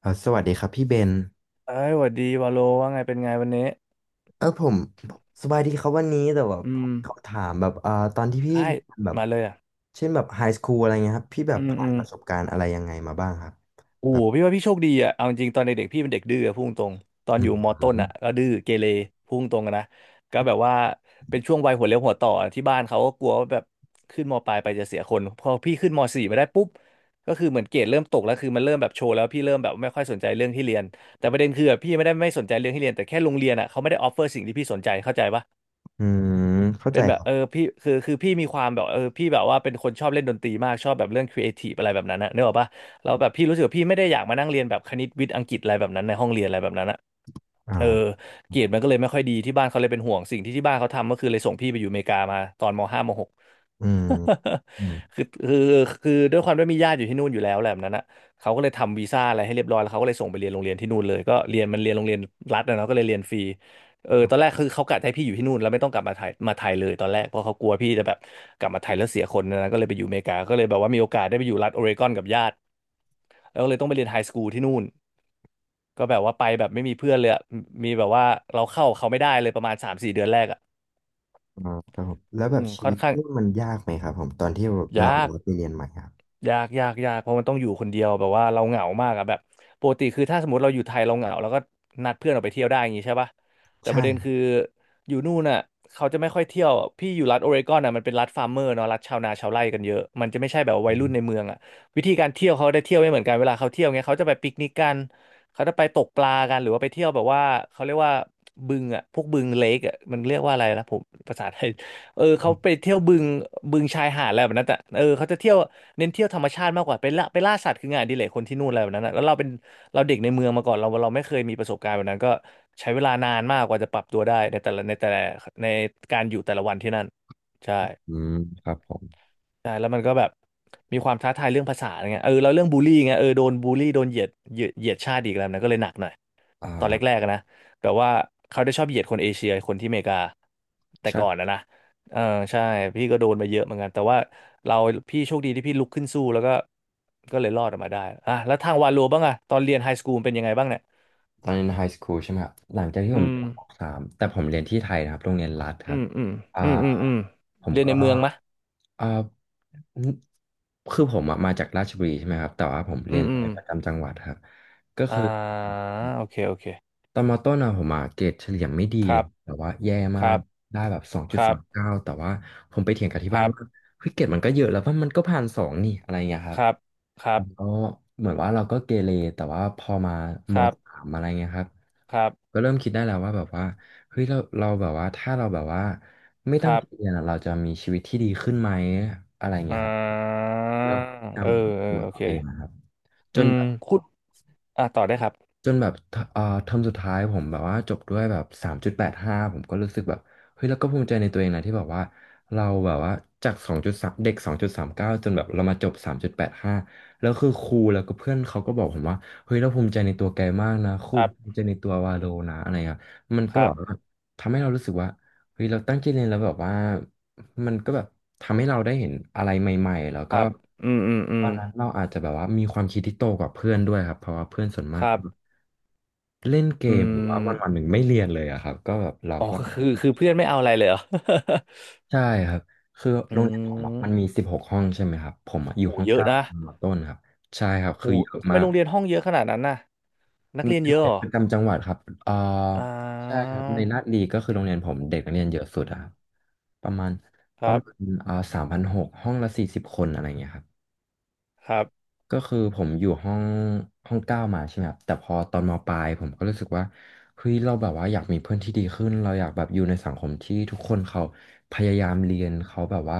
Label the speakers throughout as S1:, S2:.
S1: สวัสดีครับพี่เบน
S2: เอ้ยหวัดดีวาโลว่าไงเป็นไงวันนี้
S1: ผมสบายดีครับวันนี้แต่แบบ
S2: อื
S1: ผ
S2: ม
S1: มขอถามแบบเอ่าตอนที่พี่
S2: ได้
S1: แบบ
S2: มาเลยอ่ะ
S1: เช่นแบบไฮสคูลอะไรเงี้ยครับพี่แบ
S2: อื
S1: บ
S2: ม
S1: ผ่า
S2: อื
S1: นป
S2: ม
S1: ระสบการณ์อะไรยังไงมาบ้างครับ
S2: โอ้
S1: แบ
S2: โห
S1: บ
S2: พี่ว่าพี่โชคดีอ่ะเอาจริงๆตอนเด็กๆพี่เป็นเด็กดื้ออะพุ่งตรงตอน
S1: อื
S2: อยู่
S1: ม
S2: มอต้นอ่ะก็ดื้อเกเรพุ่งตรงอะนะก็แบบว่าเป็นช่วงวัยหัวเลี้ยวหัวต่อที่บ้านเขาก็กลัวว่าแบบขึ้นมปลายไปจะเสียคนพอพี่ขึ้นมสี่ไมาได้ปุ๊บก็คือเหมือนเกรดเริ่มตกแล้วคือมันเริ่มแบบโชว์แล้วพี่เริ่มแบบไม่ค่อยสนใจเรื่องที่เรียนแต่ประเด็นคืออะพี่ไม่ได้ไม่สนใจเรื่องที่เรียนแต่แค่โรงเรียนอ่ะเขาไม่ได้ออฟเฟอร์สิ่งที่พี่สนใจเข้าใจปะ
S1: อืมเข้า
S2: เป็
S1: ใจ
S2: นแบ
S1: ค
S2: บ
S1: รับ
S2: เออพี่คือพี่มีความแบบเออพี่แบบว่าเป็นคนชอบเล่นดนตรีมากชอบแบบเรื่องครีเอทีฟอะไรแบบนั้นนะเนกออกปะแล้วแบบพี่รู้สึกว่าพี่ไม่ได้อยากมานั่งเรียนแบบคณิตวิทย์อังกฤษอะไรแบบนั้นในห้องเรียนอะไรแบบนั้นอะเออ
S1: อ่า
S2: เกรดมันก็เลยไม่ค่อยดีที่บ้านเขาเลยเป็นห่วงสิ่งที่บ้านเขาทำก็คือเลยส่งพี่ไปอยู่อเมริกามาตอนมห้ามหก
S1: อืมอืม
S2: คือคือคือด้วยความที่มีญาติอยู่ที่นู่นอยู่แล้วแหละแบบนั้นนะเขาก็เลยทำวีซ่าอะไรให้เรียบร้อยแล้วเขาก็เลยส่งไปเรียนโรงเรียนที่นู่นเลยก็เรียนมันเรียนโรงเรียนรัฐนะเนาะก็เลยเรียนฟรี เออตอนแรกคือเขากะให้พี่อยู่ที่นู่นแล้วไม่ต้องกลับมาไทยเลยตอนแรกเพราะเขากลัวพี่จะแบบกลับมาไทยแล้วเสียคนนะก็เลยไปอยู่อเมริกาก็เลยแบบว่ามีโอกาสได้ไปอยู่รัฐโอเรกอนกับญาติแล้วก็เลยต้องไปเรียนไฮสคูลที่นู่นก็แบบว่าไปแบบไม่มีเพื่อนเลยอะมีแบบว่าเราเข้าเขาไม่ได้เลยประมาณสามสี่เดือนแรกอ่ะ
S1: อ่าครับผมแล้วแบ
S2: อื
S1: บ
S2: ม
S1: ชี
S2: ค่อ
S1: วิ
S2: น
S1: ต
S2: ข้าง
S1: นี่มันยากไหมครับผมตอนที่เรา
S2: ยาก
S1: ไปเรียนใหม่ครับ
S2: ยากยากยากเพราะมันต้องอยู่คนเดียวแบบว่าเราเหงามากอะแบบปกติคือถ้าสมมติเราอยู่ไทยเราเหงาเราก็นัดเพื่อนออกไปเที่ยวได้อย่างงี้ใช่ปะแต่ป
S1: ใช่
S2: ระเด็น
S1: ครับ
S2: คืออยู่นู่นน่ะเขาจะไม่ค่อยเที่ยวพี่อยู่รัฐโอเรกอนน่ะมันเป็นรัฐฟาร์มเมอร์เนาะรัฐชาวนาชาวไร่กันเยอะมันจะไม่ใช่แบบวั
S1: อื
S2: ยรุ่น
S1: ม
S2: ในเมืองอะวิธีการเที่ยวเขาได้เที่ยวไม่เหมือนกันเวลาเขาเที่ยวเงี้ยเขาจะไปปิกนิกกันเขาจะไปตกปลากันหรือว่าไปเที่ยวแบบว่าเขาเรียกว่าบึงอะพวกบึงเลกอะมันเรียกว่าอะไรนะผมภาษาไทย เออเขาไปเที่ยวบึงบึงชายหาดอะไรแบบนั้นแต่เออเขาจะเที่ยวเน้นเที่ยวธรรมชาติมากกว่าไปล่าสัตว์คืองานอดิเรกคนที่นู่นอะไรแบบนั้นนะแล้วเราเป็นเราเด็กในเมืองมาก่อนเราไม่เคยมีประสบการณ์แบบนั้นก็ใช้เวลานานมากกว่าจะปรับตัวได้ในแต่ละในการอยู่แต่ละวันที่นั่นใช่
S1: อืมครับผม
S2: ใช่แล้วมันก็แบบมีความท้าทายเรื่องภาษาอะไรเงี้ยเออแล้วเรื่องบูลลี่เงี้ยเออโดนบูลลี่โดนเหยียดเหยียดชาติอีกแล้วนะก็เลยหนักหน่อย
S1: อ
S2: ตอนแร
S1: ่า
S2: กๆอะนะแบบว่าเขาได้ชอบเหยียดคนเอเชียคนที่อเมริกาแต่ก่อนนะนะเออใช่พี่ก็โดนมาเยอะเหมือนกันแต่ว่าเราพี่โชคดีที่พี่ลุกขึ้นสู้แล้วก็ก็เลยรอดออกมาได้อ่ะแล้วทางวาโลบ้างอะตอนเรียนไฮสคูลเป็นยังไงบ้างเนี่ย
S1: ตอนเรียนไฮสคูลใช่ไหมครับหลังจากที่
S2: อื
S1: ผม
S2: ม
S1: จบปสามแต่ผมเรียนที่ไทยนะครับโรงเรียนรัฐค
S2: อื
S1: รับ
S2: มอืม
S1: อ่า
S2: อืมอืมอืม
S1: ผม
S2: เรียน
S1: ก็
S2: ในเมืองมะ
S1: อ่าคือผมอะมาจากราชบุรีใช่ไหมครับแต่ว่าผม
S2: อื
S1: เรียน
S2: ม
S1: โร
S2: อื
S1: ง
S2: ม
S1: เรียนประจำจังหวัดครับก็
S2: อ่า
S1: คือ
S2: โอเคโอเค
S1: ตอนมต้นอะผมอะเกรดเฉลี่ยไม่ดี
S2: ค
S1: เล
S2: รั
S1: ย
S2: บ
S1: แต่ว่าแย่
S2: ค
S1: มา
S2: รั
S1: ก
S2: บ
S1: ได้แบบสองจุ
S2: ค
S1: ด
S2: รั
S1: สา
S2: บ
S1: มเก้าแต่ว่าผมไปเถียงกับที่
S2: ค
S1: บ้าน
S2: รั
S1: ว่า
S2: บ
S1: เฮ้ยเกรดมันก็เยอะแล้วว่ามันก็ผ่านสองนี่อะไรเงี้ยครั
S2: ค
S1: บ
S2: รับค
S1: ผ
S2: รั
S1: มก็
S2: บ
S1: เหมือนว่าเราก็เกเรแต่ว่าพอมา
S2: ค
S1: ม
S2: รับ
S1: สามอะไรเงี้ยครับ
S2: ครับ
S1: ก็เริ่มคิดได้แล้วว่าแบบว่าเฮ้ยเราแบบว่าถ้าเราแบบว่าไม่
S2: ค
S1: ตั้ง
S2: รับ
S1: ใจเรียนอะเราจะมีชีวิตที่ดีขึ้นไหมอะไร
S2: อ่
S1: เงี้ยครับ
S2: า
S1: เราก็พยายา
S2: เอ
S1: ม
S2: อ
S1: ปรับ
S2: เออ
S1: ตัว
S2: โอ
S1: ตั
S2: เค
S1: วเองนะครับจ
S2: อื
S1: น
S2: ม
S1: แบบ
S2: คุณ อ่ะต่อได้ครับ
S1: จนแบบทเอ่อเทอมสุดท้ายผมแบบว่าจบด้วยแบบสามจุดแปดห้าผมก็รู้สึกแบบเฮ้ยแล้วก็ภูมิใจในตัวเองนะที่แบบว่าเราแบบว่าจากสองจุดสามเก้าจนแบบเรามาจบสามจุดแปดห้าแล้วคือครูแล้วก็เพื่อนเขาก็บอกผมว่าเฮ้ยเราภูมิใจในตัวแกมากนะครู
S2: ครั
S1: ภู
S2: บ
S1: มิใจในตัววาโลนะอะไรครับมัน
S2: ค
S1: ก็
S2: รั
S1: แบบว่า
S2: บ
S1: ทำให้เรารู้สึกว่าเฮ้ยเราตั้งใจเรียนแล้วแบบว่ามันก็แบบทำให้เราได้เห็นอะไรใหม่ๆแล้ว
S2: ค
S1: ก็
S2: รับอืมอืมอื
S1: ตอ
S2: ม
S1: นนั้นเราอาจจะแบบว่ามีความคิดที่โตกว่าเพื่อนด้วยครับ เพราะว่าเพื่อนส่วนมา
S2: ค
S1: ก
S2: รับ
S1: เล่นเก
S2: อื
S1: มหรือว่า
S2: ม
S1: วันวันหนึ่งไม่เรียนเลยอะครับก็แบบเรา
S2: อ๋อ
S1: ก็
S2: คือเพื่อนไม่เอาอะไรเลยเหรอ
S1: ใช่ครับคือโร
S2: อื
S1: งเรียนผมอะมันมี
S2: ม
S1: 16ห้องใช่ไหมครับผมอะอยู่
S2: โห
S1: ห้อง
S2: เยอะ
S1: เก้า
S2: นะ
S1: ตอนมอต้นครับใช่ครับ
S2: โห
S1: คือเยอะ
S2: ทำไม
S1: มาก
S2: โรงเรียนห้องเยอะขนาดนั้นน่ะนั
S1: เป็
S2: ก
S1: น
S2: เรียน
S1: โร
S2: เย
S1: ง
S2: อะ
S1: เรี
S2: เห
S1: ย
S2: ร
S1: น
S2: อ
S1: ประจำจังหวัดครับเอ่อ
S2: อ่
S1: ใช่
S2: า
S1: ครับในลาดลีก็คือโรงเรียนผมเด็กนักเรียนเยอะสุดอะครับประมาณ
S2: ครับ
S1: 3,000หกห้องละ40คนอะไรเงี้ยครับ
S2: ครับ
S1: ก็คือผมอยู่ห้องห้อง9มาใช่ไหมครับแต่พอตอนมปลายผมก็รู้สึกว่าเฮ้ยเราแบบว่าอยากมีเพื่อนที่ดีขึ้นเราอยากแบบอยู่ในสังคมที่ทุกคนเขาพยายามเรียนเขาแบบว่า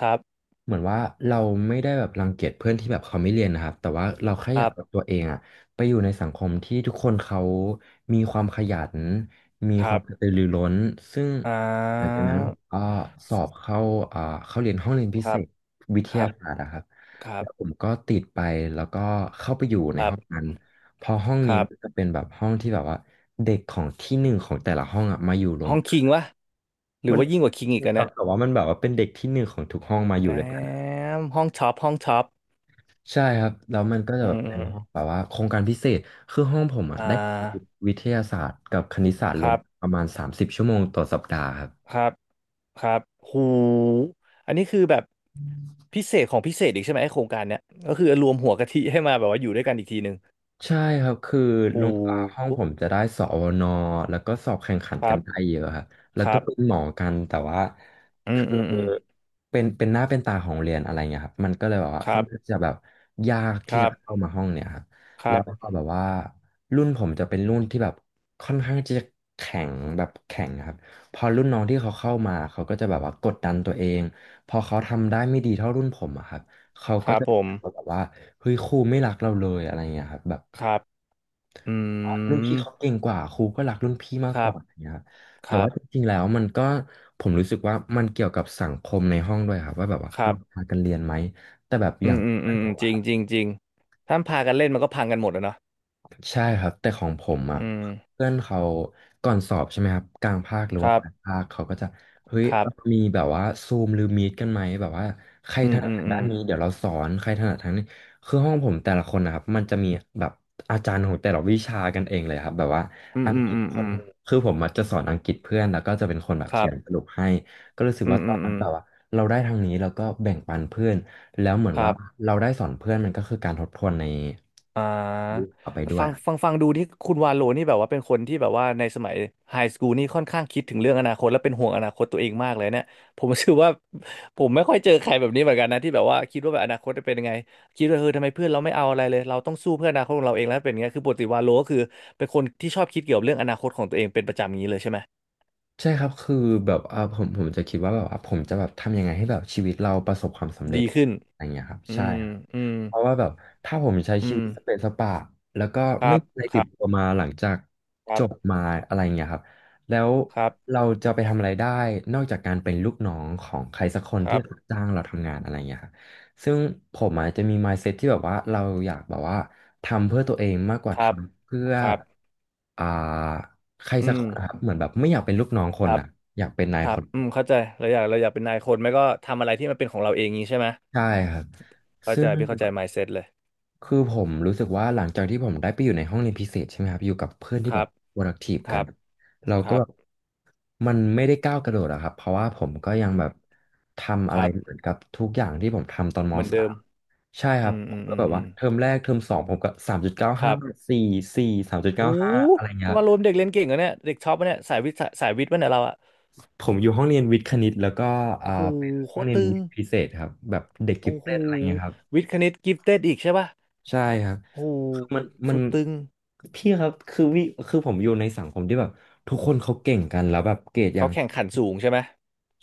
S2: ครับ
S1: เหมือนว่าเราไม่ได้แบบรังเกียจเพื่อนที่แบบเขาไม่เรียนนะครับแต่ว่าเราแค่
S2: ค
S1: อยา
S2: รั
S1: ก
S2: บ
S1: เอาตัวเองอะไปอยู่ในสังคมที่ทุกคนเขามีความขยันมี
S2: ค
S1: ค
S2: รั
S1: วาม
S2: บ
S1: กระตือรือร้นซึ่ง
S2: อ่
S1: หลัง
S2: า
S1: จากนั้นผมก็สอบเข้าอ่าเข้าเรียนห้องเรียนพิ
S2: ค
S1: เศ
S2: รับ
S1: ษวิท
S2: ค
S1: ยา
S2: รับ
S1: ศาสตร์อะครับ
S2: ครั
S1: แล้วผ
S2: บ
S1: มก็ติดไปแล้วก็เข้าไปอยู่ใน
S2: ครั
S1: ห้
S2: บ
S1: องนั้นพอห้อง
S2: ค
S1: นี้
S2: รับ
S1: มันจะเป็นแบบห้องที่แบบว่าเด็กของที่หนึ่งของแต่ละห้องอ่ะมาอยู่รวม
S2: ห้อง
S1: กั
S2: คิง
S1: น
S2: วะหรือ
S1: มัน
S2: ว่ายิ่งกว่าคิงอีกอะ
S1: ครั
S2: เนี่
S1: บ
S2: ย
S1: แต่ว่ามันแบบว่าเป็นเด็กที่หนึ่งของทุกห้องมาอ
S2: แต
S1: ยู่ด้วยกันอะ
S2: มห้องช็อป
S1: ใช่ครับแล้วมันก็จะ
S2: อื
S1: แบบ
S2: มอ
S1: เป็น
S2: ม
S1: ห้องแบบว่าโครงการพิเศษคือห้องผมอ่ะ
S2: อ่
S1: ได้
S2: า
S1: วิทยาศาสตร์กับคณิตศาสตร์
S2: ค
S1: รวม
S2: รับ
S1: ประมาณ30ชั่วโมงต่อสัปดาห์ครับ
S2: ครับครับหูอันนี้คือแบบพิเศษของพิเศษอีกใช่ไหมไอ้โครงการเนี้ยก็คือรวมหัวกะทิให้มาแบบว่าอยู่ด้วยกันอีกทีหนึ่ง
S1: ใช่ครับคือโร
S2: หู
S1: งอ่าห้องผมจะได้สอนแล้วก็สอบแข่งขัน
S2: ค
S1: กั
S2: รั
S1: น
S2: บ
S1: ได้เยอะครับแล้ว
S2: ค
S1: ก็
S2: รับ
S1: เป็นหมอกัน แต่ว่า
S2: อืม
S1: คือ
S2: อืมอืม
S1: เป็นหน้าเป็นตาของเรียนอะไรเงี้ยครับมันก็เลยแบบว่า
S2: ค
S1: ค่
S2: รั
S1: อนข้าง
S2: บ
S1: จะแบบยาก
S2: ค
S1: ที่
S2: รั
S1: จะ
S2: บ
S1: เข้ามาห้องเนี่ยครับ
S2: ค
S1: แล้
S2: รั
S1: ว
S2: บ
S1: ก็แบบว่ารุ่นผมจะเป็นรุ่นที่แบบค่อนข้างจะแข็งแบบแข็งครับพอรุ่นน้องที่เขาเข้ามาเขาก็จะแบบว่ากดดันตัวเอง พอเขาทำได้ไม่ดีเท่ารุ่นผมอะครับเขา
S2: ค
S1: ก็
S2: รับ
S1: จะ
S2: ผม
S1: แบบว่าเฮ้ยครูไม่รักเราเลยอะไรเงี้ยครับแบบ
S2: ครับอื
S1: รุ่นพี่
S2: ม
S1: เขาเก่งกว่าครูก็รักรุ่นพี่มา
S2: ค
S1: กก
S2: รับ
S1: ว่าอย่างเงี้ย
S2: ค
S1: แต่
S2: รั
S1: ว่า
S2: บ
S1: จริงๆแล้วมันก็ผมรู้สึกว่ามันเกี่ยวกับสังคมในห้องด้วยครับว่าแบบว่า
S2: ครั
S1: เรา
S2: บ
S1: พากันเรียนไหมแต่แบบอ
S2: อื
S1: ย่าง
S2: มอืม
S1: เพื่
S2: อื
S1: อน
S2: ม
S1: ผ
S2: อืม
S1: ม
S2: จริงจริงจริงถ้าพากันเล่นมันก็พังกันหมดแล้วเนาะ
S1: ใช่ครับแต่ของผมอ่ะ
S2: อืม
S1: เพื่อนเขาก่อนสอบใช่ไหมครับกลางภาคหรือ
S2: ค
S1: ว่า
S2: รั
S1: ป
S2: บ
S1: ลายภาคเขาก็จะเฮ้ย
S2: ครับ
S1: มีแบบว่าซูมหรือมีดกันไหมแบบว่าใคร
S2: อื
S1: ถ
S2: ม
S1: นัด
S2: อืม
S1: ทาง
S2: อื
S1: ด้าน
S2: ม
S1: นี้เดี๋ยวเราสอนใครถนัดทางนี้คือห้องผมแต่ละคนนะครับมันจะมีแบบอาจารย์ของแต่ละวิชากันเองเลยครับแบบว่า
S2: อืม
S1: อัง
S2: อื
S1: ก
S2: ม
S1: ฤษ
S2: อืม
S1: ค
S2: อื
S1: น
S2: ม
S1: หนึ่งคือผมอะจะสอนอังกฤษเพื่อนแล้วก็จะเป็นคนแบบ
S2: ค
S1: เขี
S2: รั
S1: ย
S2: บ
S1: นสรุปให้ก็รู้สึก
S2: อื
S1: ว่า
S2: ม
S1: ต
S2: อื
S1: อน
S2: ม
S1: นั้
S2: อื
S1: น
S2: ม
S1: แบบว่าเราได้ทางนี้แล้วก็แบ่งปันเพื่อน แล้วเหมือน
S2: ครั
S1: ว่า
S2: บ
S1: เราได้สอนเพื่อนมันก็คือการทบทวนใน
S2: อ่
S1: รูป
S2: า
S1: ต่อไปด้วย
S2: ฟัง
S1: อะ
S2: ฟังฟังดูที่คุณวาโลนี่แบบว่าเป็นคนที่แบบว่าในสมัยไฮสคูลนี่ค่อนข้างคิดถึงเรื่องอนาคตและเป็นห่วงอนาคตตัวเองมากเลยเนี่ย ผมรู้สึกว่าผมไม่ค่อยเจอใครแบบนี้เหมือนกันนะที่แบบว่าคิดว่าแบบอนาคตจะเป็นยังไงคิดว่าเออทำไมเพื่อนเราไม่เอาอะไรเลยเราต้องสู้เพื่ออนาคตของเราเองแล้วเป็นอย่างเงี้ยคือปกติวาโลก็คือเป็นคนที่ชอบคิดเกี่ยวกับเรื่องอนาคตของตัวเองเป็นประจำอย่างนี้เลยใช่ไหม
S1: ใช่ครับคือแบบเอ่าผมจะคิดว่าแบบว่าผมจะแบบทำยังไงให้แบบชีวิตเราประสบความสำเร็
S2: ดี
S1: จ
S2: ขึ้น
S1: อะไรอย่างเงี้ยครับ
S2: อื
S1: ใช่
S2: ม
S1: ครับ
S2: อืม
S1: เพราะว่าแบบถ้าผมใช้
S2: อื
S1: ชีวิ
S2: ม
S1: ตสเปนสปะแล้วก็
S2: ครั
S1: ไม่
S2: บ
S1: มีอะไร
S2: ค
S1: ติ
S2: รั
S1: ดตั
S2: บ
S1: วมาหลังจาก
S2: ค
S1: จ
S2: รั
S1: บ
S2: บ
S1: มาอะไรเงี้ยครับแล้ว
S2: ครับ
S1: เราจะไปทำอะไรได้นอกจากการเป็นลูกน้องของใครสักคน
S2: ค
S1: ที่
S2: รับ
S1: จ้างเราทำงานอะไรเงี้ยครับซึ่งผมอาจจะมี mindset ที่แบบว่าเราอยากแบบว่าทำเพื่อตัวเองมากก
S2: ค
S1: ว่าท
S2: รับ
S1: ำเพื่อ
S2: ครับ
S1: อ่าใคร
S2: อื
S1: สัก
S2: ม
S1: คนนะครับเหมือนแบบไม่อยากเป็นลูกน้องค
S2: ค
S1: น
S2: รับ
S1: อ่ะอยากเป็นนา
S2: ค
S1: ย
S2: รั
S1: ค
S2: บ
S1: น
S2: อืมเข้าใจเราอยากเป็นนายคนไม่ก็ทำอะไรที่มันเป็นของเราเองงี้ใช่ไหม
S1: ใช่ครับ
S2: เข้า
S1: ซึ่
S2: ใจ
S1: ง
S2: พี่เข้าใจ mindset เลย
S1: คือผมรู้สึกว่าหลังจากที่ผมได้ไปอยู่ในห้องเรียนพิเศษใช่ไหมครับอยู่กับเพื่อน
S2: ค
S1: ที่
S2: รั
S1: แบบ
S2: บ
S1: productive
S2: ครั
S1: กัน
S2: บ
S1: เรา
S2: ค
S1: ก็
S2: รั
S1: แบบ
S2: บ
S1: มันไม่ได้ก้าวกระโดดอะครับเพราะว่าผมก็ยังแบบทำ
S2: ค
S1: อะไร
S2: รับ
S1: เหมือนกับทุกอย่างที่ผมทำตอนม
S2: เหมือน
S1: สา
S2: เดิม
S1: มใช่ครั
S2: อื
S1: บ
S2: ม
S1: ผ
S2: อื
S1: ม
S2: ม
S1: ก็
S2: อื
S1: แบ
S2: ม
S1: บ
S2: อื
S1: ว่า
S2: ม
S1: เทอมแรกเทอมสองผมก็สามจุดเก้า
S2: ครั
S1: ห้า
S2: บ
S1: สี่สี่สามจุด
S2: หู
S1: เก้าห้าอะไรเงี้ย
S2: นี่
S1: ครับ
S2: ว่ารวมเด็กเรียนเก่งเหรอเนี่ย เด็กชอบปะเนี่ยสายวิทย์สายวิทย์ปะเนี่ยเราอะ
S1: ผมอยู่ห้องเรียนวิทย์คณิตแล้วก็อ่า
S2: โอ้โห
S1: เป็น
S2: โค
S1: ห้อง
S2: ตร
S1: เรียน
S2: ตึ
S1: วิ
S2: ง
S1: ทย์พิเศษครับแบบเด็กกิ
S2: โอ้
S1: ฟ
S2: โห
S1: เต็ดอะไรเงี้ยครับ
S2: วิทย์คณิตกิฟเต็ดอีกใช่ปะ
S1: ใช่ครับ
S2: โอ้โ
S1: คือ
S2: ห
S1: มันมั
S2: สุ
S1: น
S2: ดตึง
S1: พี่ครับคือผมอยู่ในสังคมที่แบบทุกคนเขาเก่งกันแล้วแบบเกรดยั
S2: เขา
S1: ง
S2: แข่งขันสูงใช่ไหม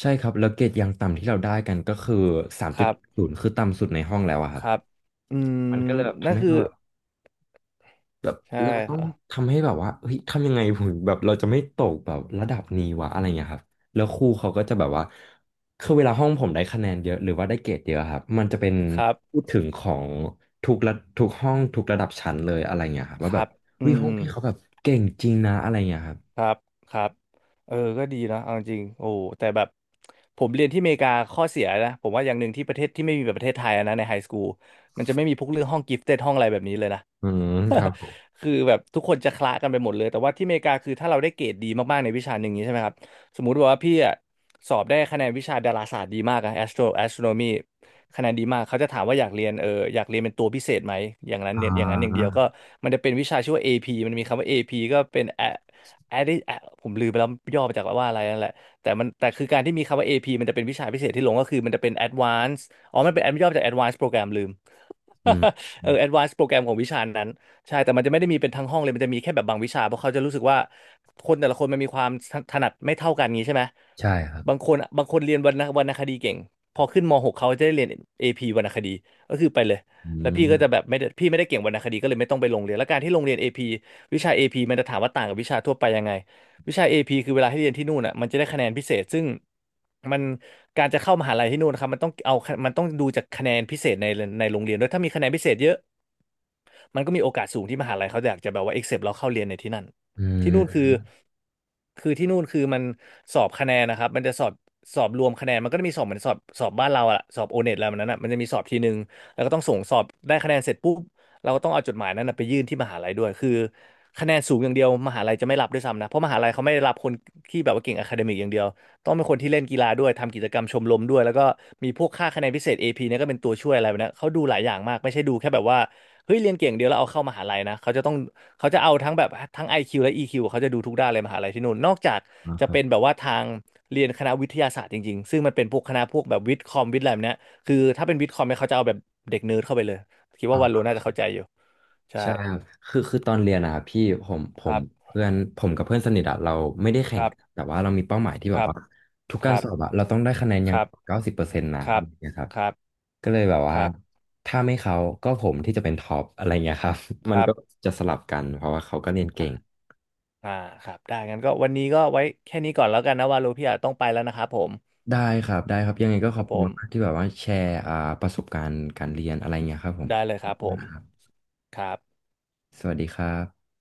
S1: ใช่ครับ แล้วเกรดยังต่ำที่เราได้กันก็คือสาม
S2: ค
S1: จุด
S2: รับ
S1: ศูนย์คือต่ำสุดในห้องแล้วอะค
S2: ค
S1: รับ
S2: รับอืม
S1: มันก็เลยแบบ
S2: นั่
S1: ทำ
S2: น
S1: ให้
S2: คือ
S1: เราแบบ แบบ
S2: ใช่
S1: เราต้
S2: ค
S1: อง
S2: รับ
S1: ทำให้แบบว่าเฮ้ยทำยังไงผมแบบเราจะไม่ตกแบบระดับนี้วะอะไรเงี้ยครับแล้วครูเขาก็จะแบบว่าคือเวลาห้องผมได้คะแนนเยอะหรือว่าได้เกรดเยอะครับมันจะเป็น
S2: ครับ
S1: พูดถึงของทุกระทุกห้องทุกระดับชั้นเลยอะไรเงี้ยครับ
S2: ค
S1: ว่าแบ
S2: รั
S1: บ
S2: บอื
S1: เฮ้ย
S2: ม
S1: ห้อ
S2: อื
S1: ง
S2: ม
S1: พี่เขาแบบเก่งจริงนะอะไรเงี้ยครับ
S2: ครับครับเออก็ดีนะเอาจริงโอ้แต่แบบผมเรียนที่อเมริกาข้อเสียนะผมว่าอย่างหนึ่งที่ประเทศที่ไม่มีแบบประเทศไทยอะนะในไฮสคูลมันจะไม่มีพวกเรื่องห้องกิฟเต็ดห้องอะไรแบบนี้เลยนะ
S1: อืมครับผม
S2: คือแบบทุกคนจะคละกันไปหมดเลยแต่ว่าที่อเมริกาคือถ้าเราได้เกรดดีมากๆในวิชาหนึ่งอย่างนี้ใช่ไหมครับสมมุติว่าพี่อะสอบได้คะแนนวิชาดาราศาสตร์ดีมากอะ astronomy คะแนนดีมากเขาจะถามว่าอยากเรียนเอออยากเรียนเป็นตัวพิเศษไหมอย่างนั้น
S1: อ่
S2: เนี่ยอย่างนั้นอย่างเดี
S1: า
S2: ยวก็มันจะเป็นวิชาชื่อว่าเอพีมันมีคำว่าเอพีก็เป็น Adผมลืมไปแล้วย่อมาจากว่าอะไรนั่นแหละแต่คือการที่มีคำว่า AP มันจะเป็นวิชาพิเศษที่ลงก็คือมันจะเป็น Advanced อ๋อมันเป็น ย่อมาจาก Advanced Program ลืม
S1: อืม
S2: เออ Advanced Program ของวิชานั้นใช่แต่มันจะไม่ได้มีเป็นทั้งห้องเลยมันจะมีแค่แบบบางวิชาเพราะเขาจะรู้สึกว่าคนแต่ละคนมันมีความถนัดไม่เท่ากันงี้ใช่ไหม
S1: ใช่ครับ
S2: บางคนบางคนเรียนวรรณคดีเก่งพอขึ้นมหกเขาจะได้เรียนเอพีวรรณคดีก็คือไปเลย
S1: อื
S2: แล้วพี่ก็
S1: ม
S2: จะแบบไม่ได้พี่ไม่ได้เก่งวรรณคดีก็เลยไม่ต้องไปโรงเรียนแล้วการที่โรงเรียนเอพีวิชาเอพีมันจะถามว่าต่างกับวิชาทั่วไปยังไง วิชา AP คือเวลาที่เรียนที่นู่นอ่ะมันจะได้คะแนนพิเศษซึ่งมันการจะเข้ามหาลัยที่นู่นนะครับมันต้องดูจากคะแนนพิเศษในในโรงเรียนด้วยถ้ามีคะแนนพิเศษเยอะ มันก็มีโอกาสสูงที่มหาลัยเขาอยากจะแบบว่า accept เราเข้าเรียนในที่นั่น
S1: อื
S2: ที่นู่น
S1: ม
S2: คือคือที่นู่นคือมันสอบคะแนนนะครับมันจะสอบรวมคะแนนมันก็จะมีสอบเหมือนสอบบ้านเราอะสอบโอเน็ตอะไรแบบนั้นอะมันจะมีสอบทีหนึ่งแล้วก็ต้องส่งสอบได้คะแนนเสร็จปุ๊บเราก็ต้องเอาจดหมายนั้นนะไปยื่นที่มหาลัยด้วยคือคะแนนสูงอย่างเดียวมหาลัยจะไม่รับด้วยซ้ำนะเพราะมหาลัยเขาไม่ได้รับคนที่แบบว่าเก่งอะคาเดมิกอย่างเดียวต้องเป็นคนที่เล่นกีฬาด้วยทำกิจกรรมชมรมด้วยแล้วก็มีพวกค่าคะแนนพิเศษ AP เนี่ยก็เป็นตัวช่วยอะไรแบบนี้ยเขาดูหลายอย่างมากไม่ใช่ดูแค่แบบว่า เฮ้ยเรียนเก่งเดียวแล้วเอาเข้ามหาลัยนะเขาจะเอาทั้งแบบทั้ง IQ และอีคิวเขาจะดูทุกด้านเลยมหาลัยที่นู่นนอกจาก
S1: นะค
S2: จะ
S1: รับ
S2: เป็นแบบว่าทางเรียนคณะวิทยาศาสตร์จริงๆซึ่งมันเป็นพวกคณะพวกแบบวิทย์คอมวิทย์อะไรแบบเนี้ยคือถ้าเป็นวิทย์คอมเนี่ยเขาจะเอาแบบเด็กเนิร์ดเข้าไปเลยคิดว่าวันรน่าจะเข้าใจอยู่ใช่
S1: ใช่ครับคือตอนเรียนนะครับพี่ผมผ
S2: ค
S1: ม
S2: รับ
S1: เพื่อนผมกับเพื่อนสนิทอะเราไม่ได้
S2: ค
S1: แข่ง
S2: รับ
S1: กันแต่ว่าเรามีเป้าหมายที่
S2: ค
S1: แบบ
S2: รับ
S1: ว่าทุก
S2: ค
S1: การ
S2: รั
S1: ส
S2: บ
S1: อบอะเราต้องได้คะแนนอ
S2: ค
S1: ย่าง
S2: รับ
S1: 90%นะ
S2: ค
S1: อะ
S2: รั
S1: ไร
S2: บ
S1: อย่างเงี้ยครับ
S2: ครับ
S1: ก็เลยแบบ
S2: ค
S1: ว่า
S2: รับ
S1: ถ้าไม่เขาก็ผมที่จะเป็นท็อปอะไรเงี้ยครับ
S2: ค
S1: มัน
S2: รั
S1: ก็
S2: บ
S1: จะสลับกันเพราะว่าเขาก็เรียน
S2: อ่า
S1: เก่ง
S2: อ่าครับได้งั้นก็วันนี้ก็ไว้แค่นี้ก่อนแล้วกันนะว่ารูพี่อาจต้องไปแล้วนะครับผม
S1: ได้ครับได้ครับยังไงก็
S2: ค
S1: ขอ
S2: รั
S1: บ
S2: บผ
S1: คุณ
S2: ม
S1: มากๆที่แบบว่าแชร์ประสบการณ์การเรียนอะไรเงี้ยครับผม
S2: ได้
S1: ข
S2: เลยค
S1: อ
S2: รั
S1: บ
S2: บ
S1: คุ
S2: ผ
S1: ณนะ
S2: ม
S1: ครับ
S2: ครับ
S1: สวัสดีครับ